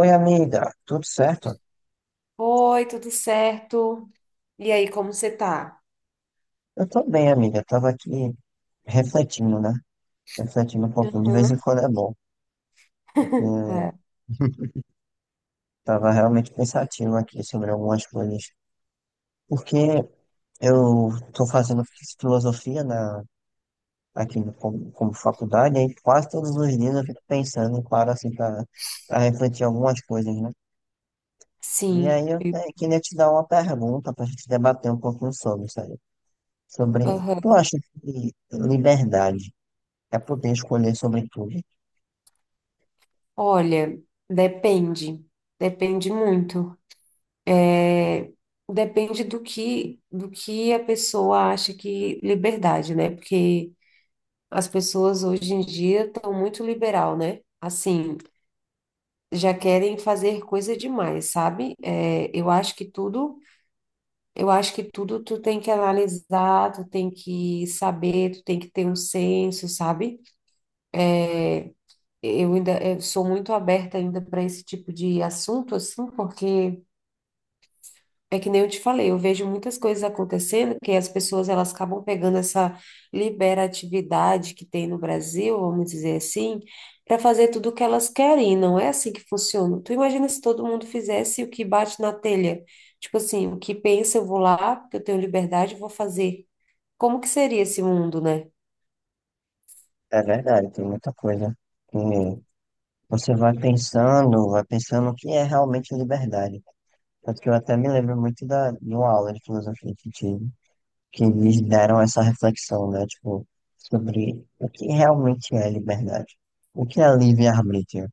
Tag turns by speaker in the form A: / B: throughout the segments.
A: Oi, amiga, tudo certo?
B: Oi, tudo certo? E aí, como você tá?
A: Eu tô bem, amiga. Eu tava aqui refletindo, né? Refletindo um pouquinho. De vez em
B: Aham.
A: quando é bom, porque
B: É,
A: tava realmente pensativo aqui sobre algumas coisas. Porque eu tô fazendo filosofia na, aqui no- como faculdade, aí quase todos os dias eu fico pensando, claro, assim, pra refletir algumas coisas, né? E
B: sim.
A: aí eu te- queria te dar uma pergunta pra gente debater um pouquinho sobre, sabe? Sobre, tu
B: Aham.
A: acha que liberdade. É poder escolher sobre tudo.
B: Olha, depende. Depende muito. É, depende do que a pessoa acha que liberdade, né? Porque as pessoas hoje em dia estão muito liberal, né? Assim, já querem fazer coisa demais, sabe? É, eu acho que tudo. Eu acho que tudo tu tem que analisar, tu tem que saber, tu tem que ter um senso, sabe? É, eu ainda eu sou muito aberta ainda para esse tipo de assunto, assim, porque é que nem eu te falei, eu vejo muitas coisas acontecendo que as pessoas elas acabam pegando essa liberatividade que tem no Brasil, vamos dizer assim, para fazer tudo o que elas querem. E não é assim que funciona. Tu imagina se todo mundo fizesse o que bate na telha? Tipo assim, o que pensa, eu vou lá, porque eu tenho liberdade, eu vou fazer. Como que seria esse mundo, né?
A: É verdade, tem muita coisa que você vai pensando o que é realmente liberdade. Tanto que eu até me lembro muito da, de uma aula de filosofia que tive, que eles deram essa reflexão, né? Tipo, sobre o que realmente é liberdade. O que é livre-arbítrio,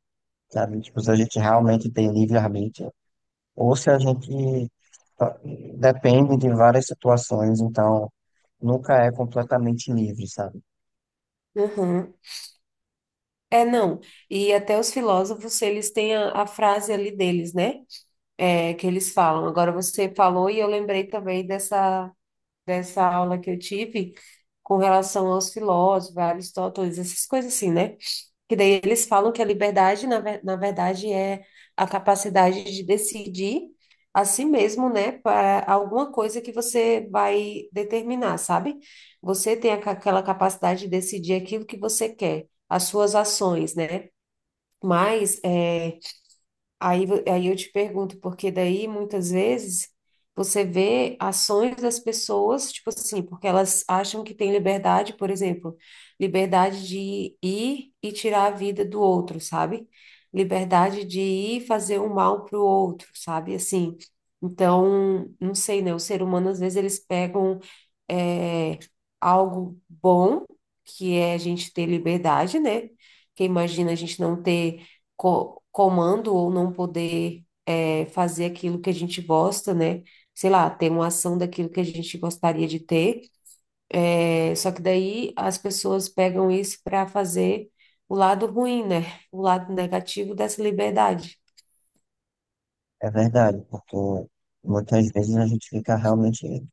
A: sabe? Tipo, se a gente realmente tem livre-arbítrio, ou se a gente só- depende de várias situações, então nunca é completamente livre, sabe?
B: Uhum. É, não. E até os filósofos, eles têm a frase ali deles, né? É, que eles falam. Agora você falou e eu lembrei também dessa aula que eu tive com relação aos filósofos, Aristóteles, essas coisas assim, né? Que daí eles falam que a liberdade, na verdade, é a capacidade de decidir a si mesmo, né, para alguma coisa que você vai determinar, sabe? Você tem aquela capacidade de decidir aquilo que você quer, as suas ações, né? Mas, aí, aí eu te pergunto, porque daí muitas vezes você vê ações das pessoas, tipo assim, porque elas acham que tem liberdade, por exemplo, liberdade de ir e tirar a vida do outro, sabe? Liberdade de ir fazer o mal para o outro, sabe? Assim, então, não sei, né? O ser humano, às vezes, eles pegam é, algo bom, que é a gente ter liberdade, né? Porque imagina a gente não ter comando ou não poder fazer aquilo que a gente gosta, né? Sei lá, ter uma ação daquilo que a gente gostaria de ter. É, só que daí as pessoas pegam isso para fazer o lado ruim, né? O lado negativo dessa liberdade.
A: É verdade, porque muitas vezes a gente fica realmente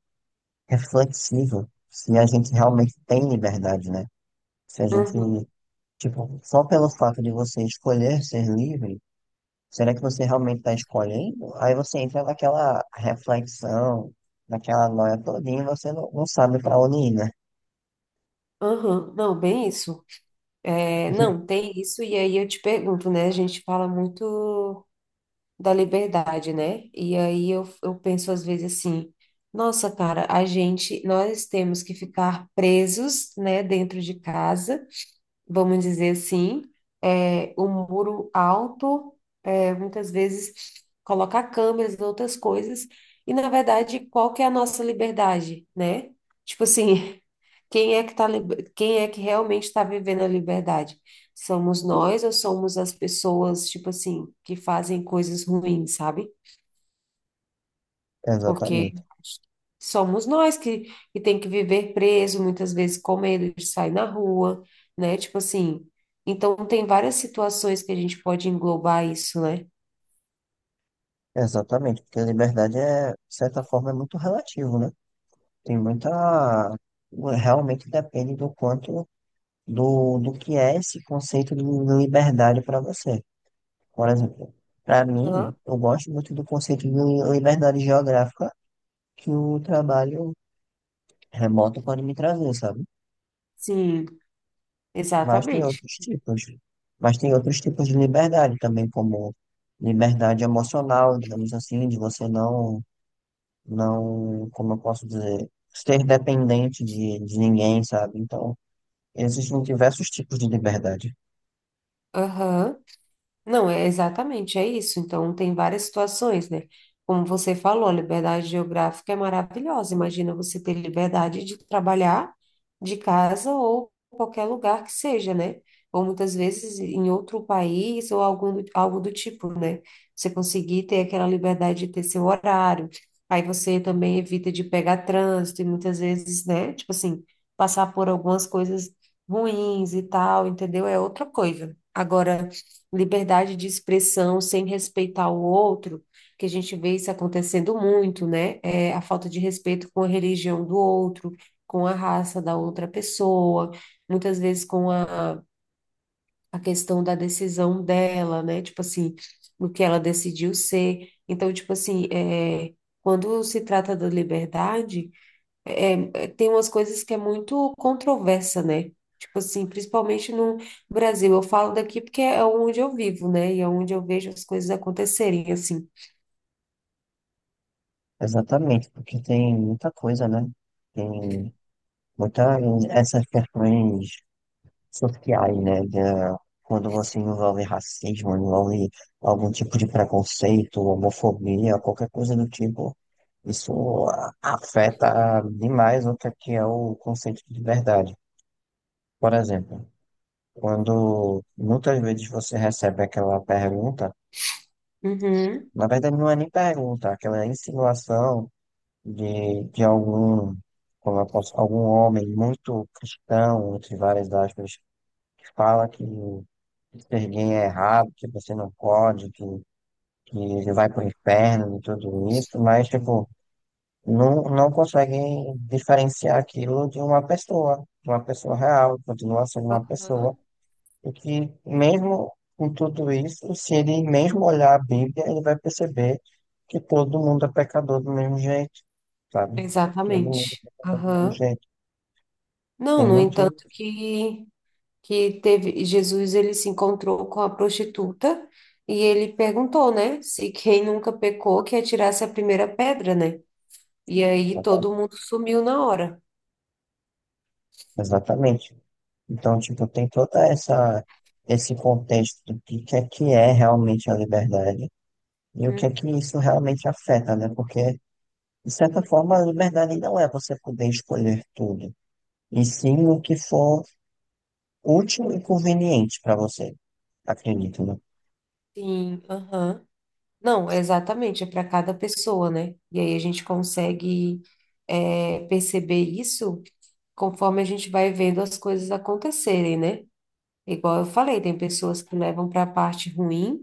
A: reflexivo se a gente realmente tem liberdade, né? Se a gente,
B: Uhum,
A: tipo, só pelo fato de você escolher ser livre, será que você realmente está escolhendo? Aí você entra naquela reflexão, naquela noia todinha e você não sabe para onde ir, né?
B: uhum. Não, bem isso. É, não, tem isso, e aí eu te pergunto, né? A gente fala muito da liberdade, né? E aí eu penso às vezes assim, nossa, cara, nós temos que ficar presos, né, dentro de casa, vamos dizer assim, é, o muro alto, é, muitas vezes colocar câmeras e outras coisas, e na verdade, qual que é a nossa liberdade, né? Tipo assim, quem é que tá, quem é que realmente está vivendo a liberdade? Somos nós ou somos as pessoas, tipo assim, que fazem coisas ruins, sabe? Porque
A: Exatamente,
B: somos nós que tem que viver preso, muitas vezes com medo de sair na rua, né? Tipo assim, então tem várias situações que a gente pode englobar isso, né?
A: exatamente, porque a liberdade é, de certa forma, é muito relativo, né? Tem muita, realmente depende do quanto do que é esse conceito de liberdade para você. Por exemplo, para mim,
B: Aham.
A: eu gosto muito do conceito de liberdade geográfica que o trabalho remoto pode me trazer, sabe?
B: Sim,
A: Mas tem
B: exatamente.
A: outros tipos. Mas tem outros tipos de liberdade também, como liberdade emocional, digamos assim, de você não, como eu posso dizer, ser dependente de ninguém, sabe? Então, existem diversos tipos de liberdade.
B: Aham. Não, é exatamente, é isso. Então, tem várias situações, né? Como você falou, a liberdade geográfica é maravilhosa. Imagina você ter liberdade de trabalhar de casa ou qualquer lugar que seja, né? Ou muitas vezes em outro país ou algum, algo do tipo, né? Você conseguir ter aquela liberdade de ter seu horário. Aí você também evita de pegar trânsito e muitas vezes, né? Tipo assim, passar por algumas coisas ruins e tal, entendeu? É outra coisa. Agora liberdade de expressão sem respeitar o outro, que a gente vê isso acontecendo muito, né? É a falta de respeito com a religião do outro, com a raça da outra pessoa, muitas vezes com a questão da decisão dela, né? Tipo assim, do que ela decidiu ser. Então, tipo assim, é, quando se trata da liberdade é, é, tem umas coisas que é muito controversa, né? Tipo assim, principalmente no Brasil. Eu falo daqui porque é onde eu vivo, né? E é onde eu vejo as coisas acontecerem, assim.
A: Exatamente, porque tem muita coisa, né? Tem muitas essas questões sociais, né? Da- quando você envolve racismo, envolve algum tipo de preconceito, homofobia, qualquer coisa do tipo, isso a- afeta demais o que é o conceito de verdade. Por exemplo, quando muitas vezes você recebe aquela pergunta,
B: Uhum.
A: na verdade não é nem pergunta, aquela é insinuação. De algum, como eu posso, algum homem muito cristão, entre várias aspas, que fala que ser gay é errado, que você não pode, que ele vai pro inferno e tudo isso, mas, tipo, não conseguem diferenciar aquilo de uma pessoa real, continua sendo uma pessoa.
B: Aham.
A: E que, mesmo com tudo isso, se ele mesmo olhar a Bíblia, ele vai perceber que todo mundo é pecador do mesmo jeito, sabe? Todo mundo
B: Exatamente.
A: é pecador do mesmo
B: Aham.
A: jeito. Tem
B: Não, no
A: muito.
B: entanto que teve Jesus ele se encontrou com a prostituta e ele perguntou, né, se quem nunca pecou que atirasse a primeira pedra, né? E aí todo mundo sumiu na hora.
A: Exatamente. Então, tipo, tem toda essa esse contexto do que é realmente a liberdade e o que
B: Hum,
A: é que isso realmente afeta, né? Porque, de certa forma, a liberdade não é você poder escolher tudo, e sim o que for útil e conveniente para você, acredito, né?
B: Sim, aham. Não, exatamente, é para cada pessoa, né? E aí a gente consegue perceber isso conforme a gente vai vendo as coisas acontecerem, né? Igual eu falei, tem pessoas que levam para a parte ruim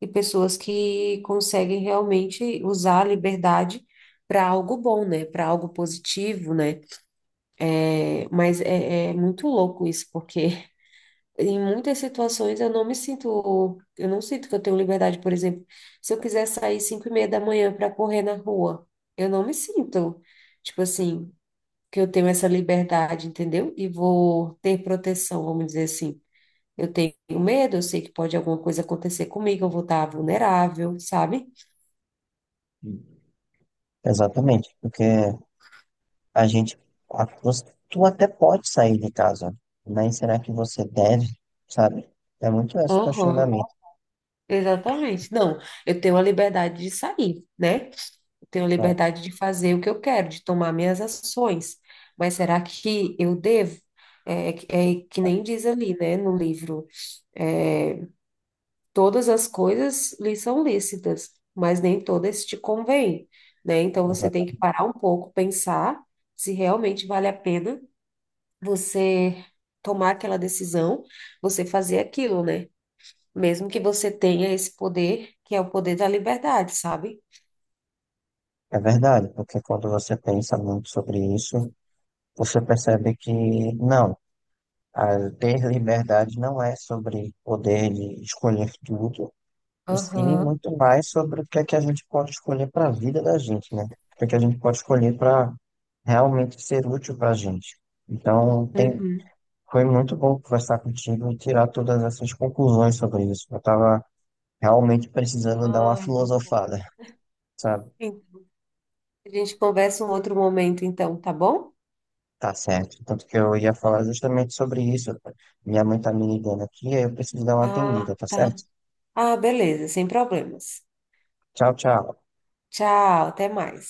B: e pessoas que conseguem realmente usar a liberdade para algo bom, né? Para algo positivo, né? Mas é muito louco isso, porque em muitas situações eu não me sinto, eu não sinto que eu tenho liberdade, por exemplo, se eu quiser sair 5:30 da manhã para correr na rua, eu não me sinto, tipo assim, que eu tenho essa liberdade, entendeu? E vou ter proteção, vamos dizer assim. Eu tenho medo, eu sei que pode alguma coisa acontecer comigo, eu vou estar vulnerável, sabe?
A: Exatamente, porque a gente, a- você- tu até pode sair de casa, mas será que você deve, sabe? É muito esse
B: Aham,
A: questionamento,
B: exatamente. Não, eu tenho a liberdade de sair, né? Tenho
A: né?
B: liberdade de fazer o que eu quero, de tomar minhas ações. Mas será que eu devo? É, é que nem diz ali, né, no livro, é, todas as coisas lhe são lícitas, mas nem todas te convêm, né? Então você tem
A: Exata-
B: que parar um pouco, pensar se realmente vale a pena você tomar aquela decisão, você fazer aquilo, né? Mesmo que você tenha esse poder, que é o poder da liberdade, sabe?
A: é verdade, porque quando você pensa muito sobre isso, você percebe que não, a ter liberdade não é sobre poder de escolher tudo, e sim
B: Aham.
A: muito mais sobre o que é que a gente pode escolher para a vida da gente, né? O que é que a gente pode escolher para realmente ser útil para a gente. Então, tem
B: Uhum.
A: foi muito bom conversar contigo e tirar todas essas conclusões sobre isso. Eu estava realmente precisando dar uma
B: Ai, muito bom.
A: filosofada, sabe?
B: Sim. A gente conversa um outro momento, então, tá bom?
A: Tá certo. Tanto que eu ia falar justamente sobre isso. Minha mãe tá me ligando aqui, aí eu preciso dar uma atendida,
B: Ah,
A: tá
B: tá.
A: certo?
B: Ah, beleza, sem problemas.
A: Tchau, tchau.
B: Tchau, até mais.